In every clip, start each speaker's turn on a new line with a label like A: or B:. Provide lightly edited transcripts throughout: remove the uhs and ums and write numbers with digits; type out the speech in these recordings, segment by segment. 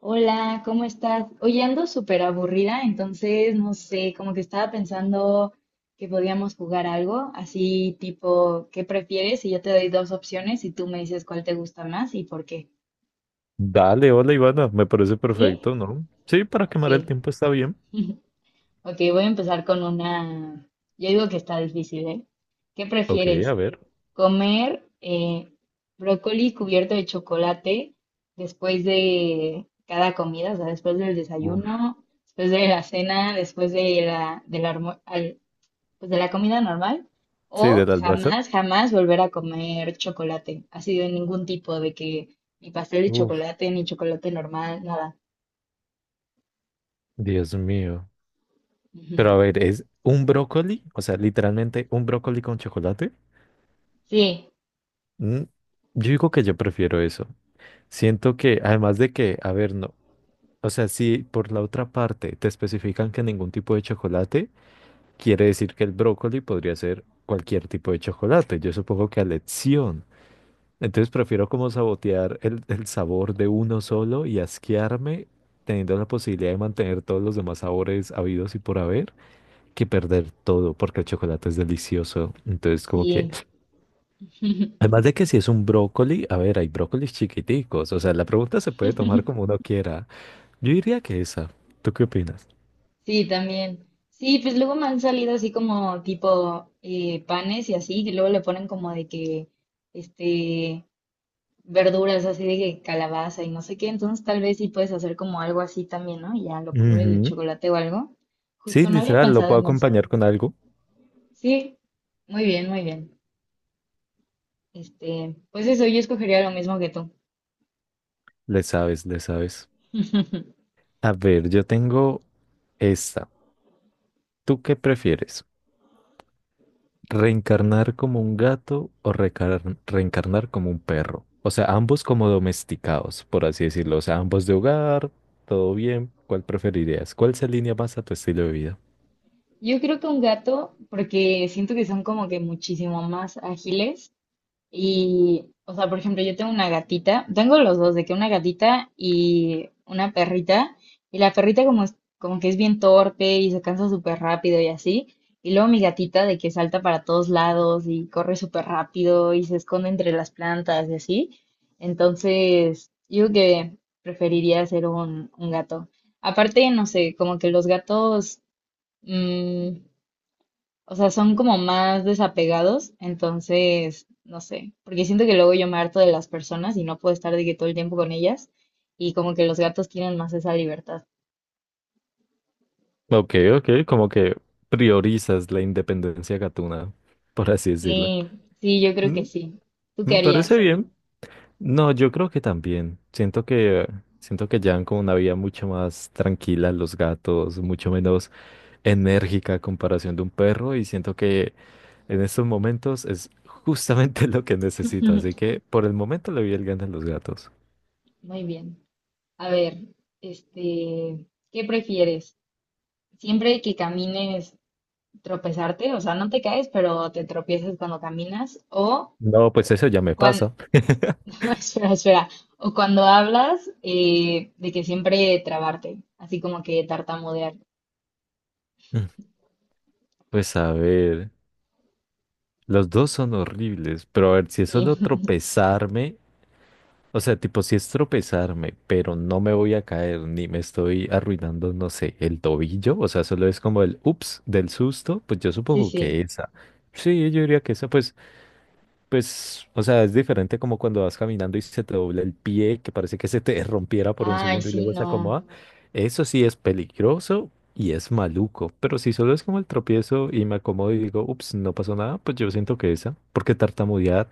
A: Hola, ¿cómo estás? Oye, ando súper aburrida, entonces no sé, como que estaba pensando que podíamos jugar algo, así tipo, ¿qué prefieres? Y yo te doy dos opciones y tú me dices cuál te gusta más y por qué.
B: Dale, hola Ivana, me parece
A: ¿Sí?
B: perfecto, ¿no? Sí, para
A: Ok.
B: quemar el tiempo está bien.
A: Ok, voy a empezar con una. Yo digo que está difícil, ¿eh? ¿Qué
B: Ok, a
A: prefieres?
B: ver.
A: Comer brócoli cubierto de chocolate después de cada comida, o sea, después del
B: Uf.
A: desayuno, después de la cena, después de la, del almu- al- pues, de la comida normal.
B: Sí,
A: O
B: del almuerzo.
A: jamás, jamás volver a comer chocolate. Así de ningún tipo, de que ni pastel de
B: Uf.
A: chocolate, ni chocolate normal, nada.
B: Dios mío. Pero a
A: Ujú.
B: ver, ¿es un brócoli? O sea, literalmente un brócoli con chocolate.
A: Sí,
B: Mm, yo digo que yo prefiero eso. Siento que, además de que, a ver, no. O sea, si por la otra parte te especifican que ningún tipo de chocolate, quiere decir que el brócoli podría ser cualquier tipo de chocolate. Yo supongo que a elección. Entonces prefiero como sabotear el sabor de uno solo y asquearme teniendo la posibilidad de mantener todos los demás sabores habidos y por haber que perder todo porque el chocolate es delicioso. Entonces como que,
A: sí.
B: además de que si es un brócoli, a ver, hay brócolis chiquiticos, o sea, la pregunta se puede tomar como uno quiera. Yo diría que esa. ¿Tú qué opinas?
A: Sí, también. Sí, pues luego me han salido así como tipo panes y así, que luego le ponen como de que, este, verduras así de que calabaza y no sé qué, entonces tal vez sí puedes hacer como algo así también, ¿no? Y ya lo cubres de
B: Ujú.
A: chocolate o algo.
B: Sí,
A: Justo no había
B: literal, lo
A: pensado
B: puedo
A: en eso.
B: acompañar con algo.
A: Sí, muy bien, muy bien. Pues eso, yo escogería lo mismo que tú.
B: Le sabes, le sabes. A ver, yo tengo esta. ¿Tú qué prefieres? ¿Reencarnar como un gato o reencarnar como un perro? O sea, ambos como domesticados, por así decirlo. O sea, ambos de hogar, todo bien. ¿Cuál preferirías? ¿Cuál se alinea más a tu estilo de vida?
A: Yo creo que un gato, porque siento que son como que muchísimo más ágiles. Y, o sea, por ejemplo, yo tengo una gatita, tengo los dos, de que una gatita y una perrita, y la perrita como, como que es bien torpe y se cansa súper rápido y así, y luego mi gatita de que salta para todos lados y corre súper rápido y se esconde entre las plantas y así. Entonces, yo creo que preferiría ser un gato. Aparte, no sé, como que los gatos, mm, o sea, son como más desapegados, entonces, no sé, porque siento que luego yo me harto de las personas y no puedo estar de que todo el tiempo con ellas y como que los gatos tienen más esa libertad.
B: Ok, ok, como que priorizas la independencia gatuna, por así decirlo.
A: Sí, sí, yo creo
B: Mm,
A: que sí. ¿Tú qué
B: Me parece
A: harías?
B: bien. No, yo creo que también. Siento que llevan como una vida mucho más tranquila los gatos, mucho menos enérgica a comparación de un perro y siento que en estos momentos es justamente lo que necesito, así que por el momento le doy el gana a los gatos.
A: Muy bien. A ver, este, ¿qué prefieres? ¿Siempre que camines tropezarte? O sea, no te caes, pero te tropiezas cuando caminas o
B: No, pues eso ya me pasa.
A: espera, espera. O cuando hablas, de que siempre trabarte, así como que tartamudear.
B: Mm. Pues a ver, los dos son horribles, pero a ver, si es
A: Sí,
B: solo tropezarme, o sea, tipo, si es tropezarme, pero no me voy a caer ni me estoy arruinando, no sé, el tobillo, o sea, solo es como el ups del susto, pues yo
A: sí,
B: supongo que
A: sí.
B: esa. Sí, yo diría que esa. Pues Pues, o sea, es diferente como cuando vas caminando y se te dobla el pie, que parece que se te rompiera por un
A: Ay,
B: segundo y
A: sí,
B: luego se
A: no.
B: acomoda. Eso sí es peligroso y es maluco. Pero si solo es como el tropiezo y me acomodo y digo, ups, no pasó nada, pues yo siento que esa. Porque tartamudear,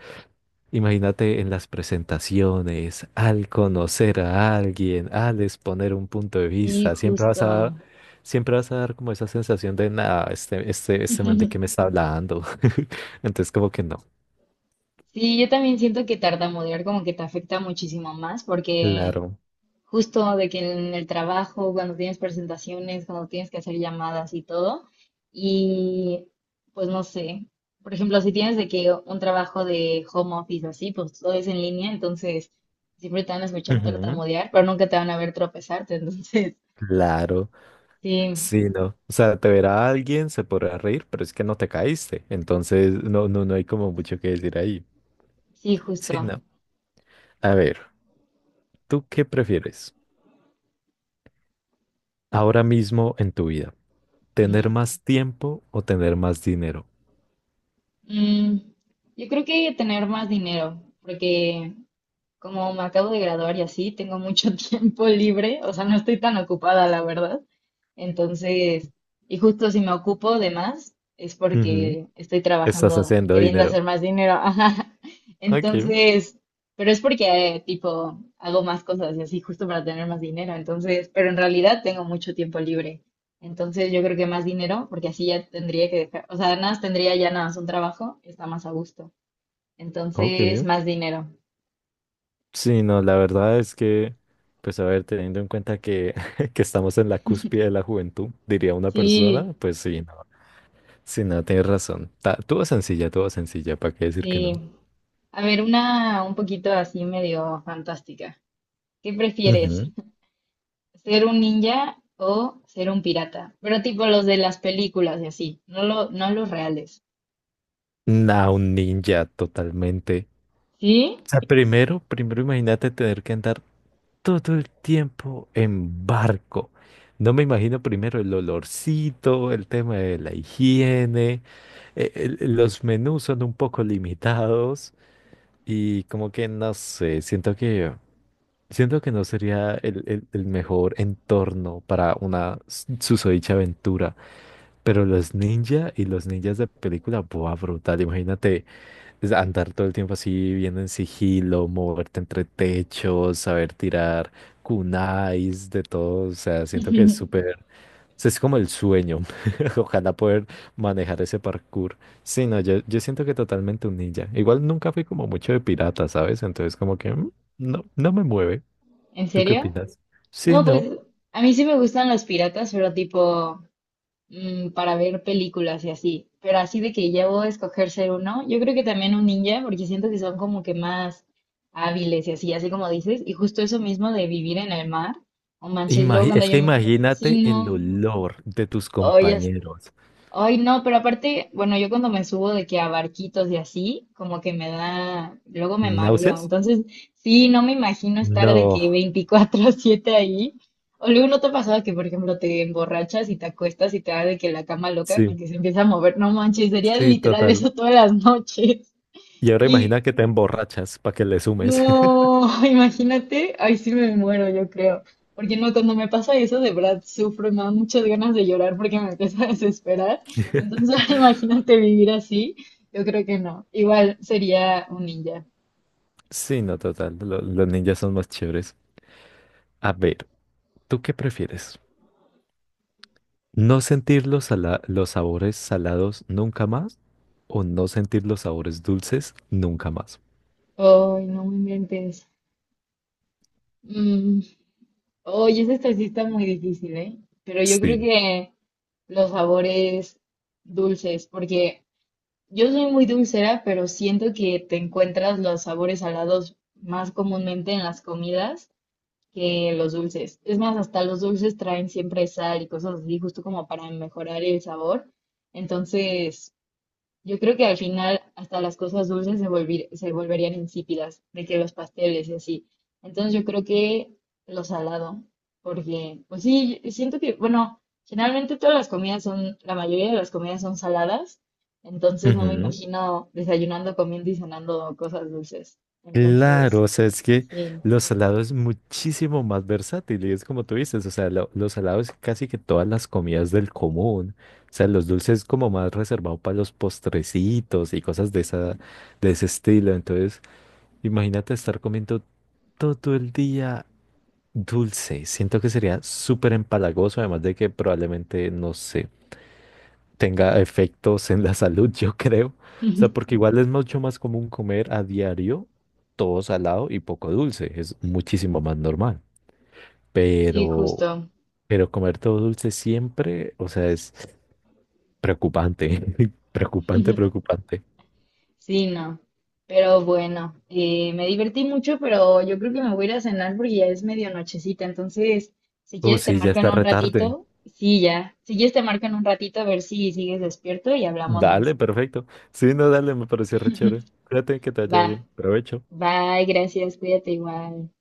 B: imagínate en las presentaciones, al conocer a alguien, al exponer un punto de
A: Sí,
B: vista, siempre vas a dar,
A: justo.
B: siempre vas a dar como esa sensación de, nada, este man de qué me está hablando. Entonces, como que no.
A: Sí, yo también siento que tartamudear como que te afecta muchísimo más porque
B: Claro.
A: justo de que en el trabajo, cuando tienes presentaciones, cuando tienes que hacer llamadas y todo, y pues no sé, por ejemplo, si tienes de que un trabajo de home office así, pues todo es en línea, entonces siempre te van a escuchar
B: Ujú.
A: tartamudear, pero nunca te van a ver tropezarte, entonces
B: Claro,
A: sí,
B: sí, no. O sea, te verá alguien, se podrá reír, pero es que no te caíste. Entonces, no, no, no hay como mucho que decir ahí.
A: sí,
B: Sí,
A: justo.
B: no. A ver, ¿tú qué prefieres ahora mismo en tu vida? ¿Tener
A: Ujú.
B: más tiempo o tener más dinero?
A: Mm, yo creo que tener más dinero, porque como me acabo de graduar y así, tengo mucho tiempo libre, o sea, no estoy tan ocupada, la verdad. Entonces, y justo si me ocupo de más, es
B: Ujú.
A: porque estoy
B: Estás
A: trabajando,
B: haciendo
A: queriendo hacer
B: dinero.
A: más dinero. Ajá.
B: Ok,
A: Entonces, pero es porque, tipo, hago más cosas y así, justo para tener más dinero. Entonces, pero en realidad tengo mucho tiempo libre. Entonces, yo creo que más dinero, porque así ya tendría que dejar, o sea, nada, más tendría ya nada más un trabajo, está más a gusto. Entonces,
B: ok.
A: más dinero.
B: Sí, no, la verdad es que, pues a ver, teniendo en cuenta que que estamos en la cúspide de la juventud, diría una persona,
A: Sí.
B: pues sí, no. Sí, no, tienes razón. Tuvo sencilla, ¿para qué decir que no?
A: Sí, a ver, una un poquito así medio fantástica. ¿Qué prefieres?
B: Ujú.
A: ¿Ser un ninja o ser un pirata? Pero tipo los de las películas y así, no, no los reales.
B: Nah, un ninja totalmente.
A: ¿Sí?
B: O sea, primero, primero imagínate tener que andar todo el tiempo en barco. No me imagino primero el olorcito, el tema de la higiene, eh, los menús son un poco limitados y como que no sé, siento que no sería el mejor entorno para una susodicha aventura. Pero los ninja y los ninjas de película, buah, brutal. Imagínate es andar todo el tiempo así, viendo en sigilo, moverte entre techos, saber tirar kunais, de todo. O sea, siento que es súper. O sea, es como el sueño. Ojalá poder manejar ese parkour. Sí, no, yo siento que totalmente un ninja. Igual nunca fui como mucho de pirata, ¿sabes? Entonces, como que no, no me mueve.
A: ¿En
B: ¿Tú qué
A: serio?
B: opinas? Sí,
A: No,
B: no.
A: pues a mí sí me gustan los piratas, pero tipo, mm, para ver películas y así. Pero así de que ya voy a escoger ser uno, yo creo que también un ninja, porque siento que son como que más hábiles y así, así como dices. Y justo eso mismo de vivir en el mar, o manches, luego cuando
B: Es que
A: yo,
B: imagínate
A: sí,
B: el
A: no,
B: olor de tus
A: oye.
B: compañeros.
A: Ay, no, pero aparte, bueno, yo cuando me subo de que a barquitos y así, como que me da, luego me mareo.
B: ¿Náuseas?
A: Entonces, sí, no me imagino estar de que
B: No,
A: 24/7 ahí. O luego no te ha pasado que, por ejemplo, te emborrachas y te acuestas y te da de que la cama loca,
B: sí,
A: que se empieza a mover. No manches, sería
B: sí,
A: literal
B: total.
A: eso todas las noches.
B: Y ahora
A: Y
B: imagina que te emborrachas para que le sumes.
A: no, imagínate, ay, sí me muero, yo creo. Porque no, cuando me pasa eso, de verdad sufro, y me dan muchas ganas de llorar porque me empieza a desesperar. Entonces, imagínate vivir así, yo creo que no. Igual sería un ninja.
B: Sí, no, total. Los ninjas son más chéveres. A ver, ¿tú qué prefieres? ¿No sentir los, los sabores salados nunca más o no sentir los sabores dulces nunca más?
A: Ay, no me inventes. Mm, Oye, ese esta sí está muy difícil, ¿eh? Pero yo creo
B: Sí.
A: que los sabores dulces, porque yo soy muy dulcera, pero siento que te encuentras los sabores salados más comúnmente en las comidas que los dulces. Es más, hasta los dulces traen siempre sal y cosas así, justo como para mejorar el sabor. Entonces, yo creo que al final hasta las cosas dulces se volverían insípidas, de que los pasteles y así. Entonces, yo creo que lo salado, porque, pues sí, siento que, bueno, generalmente todas las comidas son, la mayoría de las comidas son saladas, entonces no me
B: Ujú.
A: imagino desayunando, comiendo y cenando cosas dulces.
B: Claro,
A: Entonces,
B: o sea, es que
A: sí,
B: los salados es muchísimo más versátil y es como tú dices, o sea, los salados casi que todas las comidas del común, o sea, los dulces como más reservado para los postrecitos y cosas de esa, de ese estilo, entonces imagínate estar comiendo todo el día dulce, siento que sería súper empalagoso, además de que probablemente, no sé, tenga efectos en la salud, yo creo. O sea, porque igual es mucho más común comer a diario todo salado y poco dulce, es muchísimo más normal.
A: sí,
B: Pero,
A: justo.
B: pero comer todo dulce siempre, o sea, es preocupante, preocupante, preocupante.
A: Sí, no. Pero bueno, me divertí mucho, pero yo creo que me voy a ir a cenar porque ya es medio nochecita. Entonces, si
B: Oh,
A: quieres te
B: sí, ya
A: marco en
B: está
A: un
B: retarde.
A: ratito. Sí, ya. Si quieres te marco en un ratito a ver si sigues despierto y hablamos
B: Dale,
A: más.
B: perfecto. Sí, no, dale, me pareció re chévere. Cuídate, que te vaya
A: Va.
B: bien. Provecho.
A: Bye, gracias. Cuídate igual.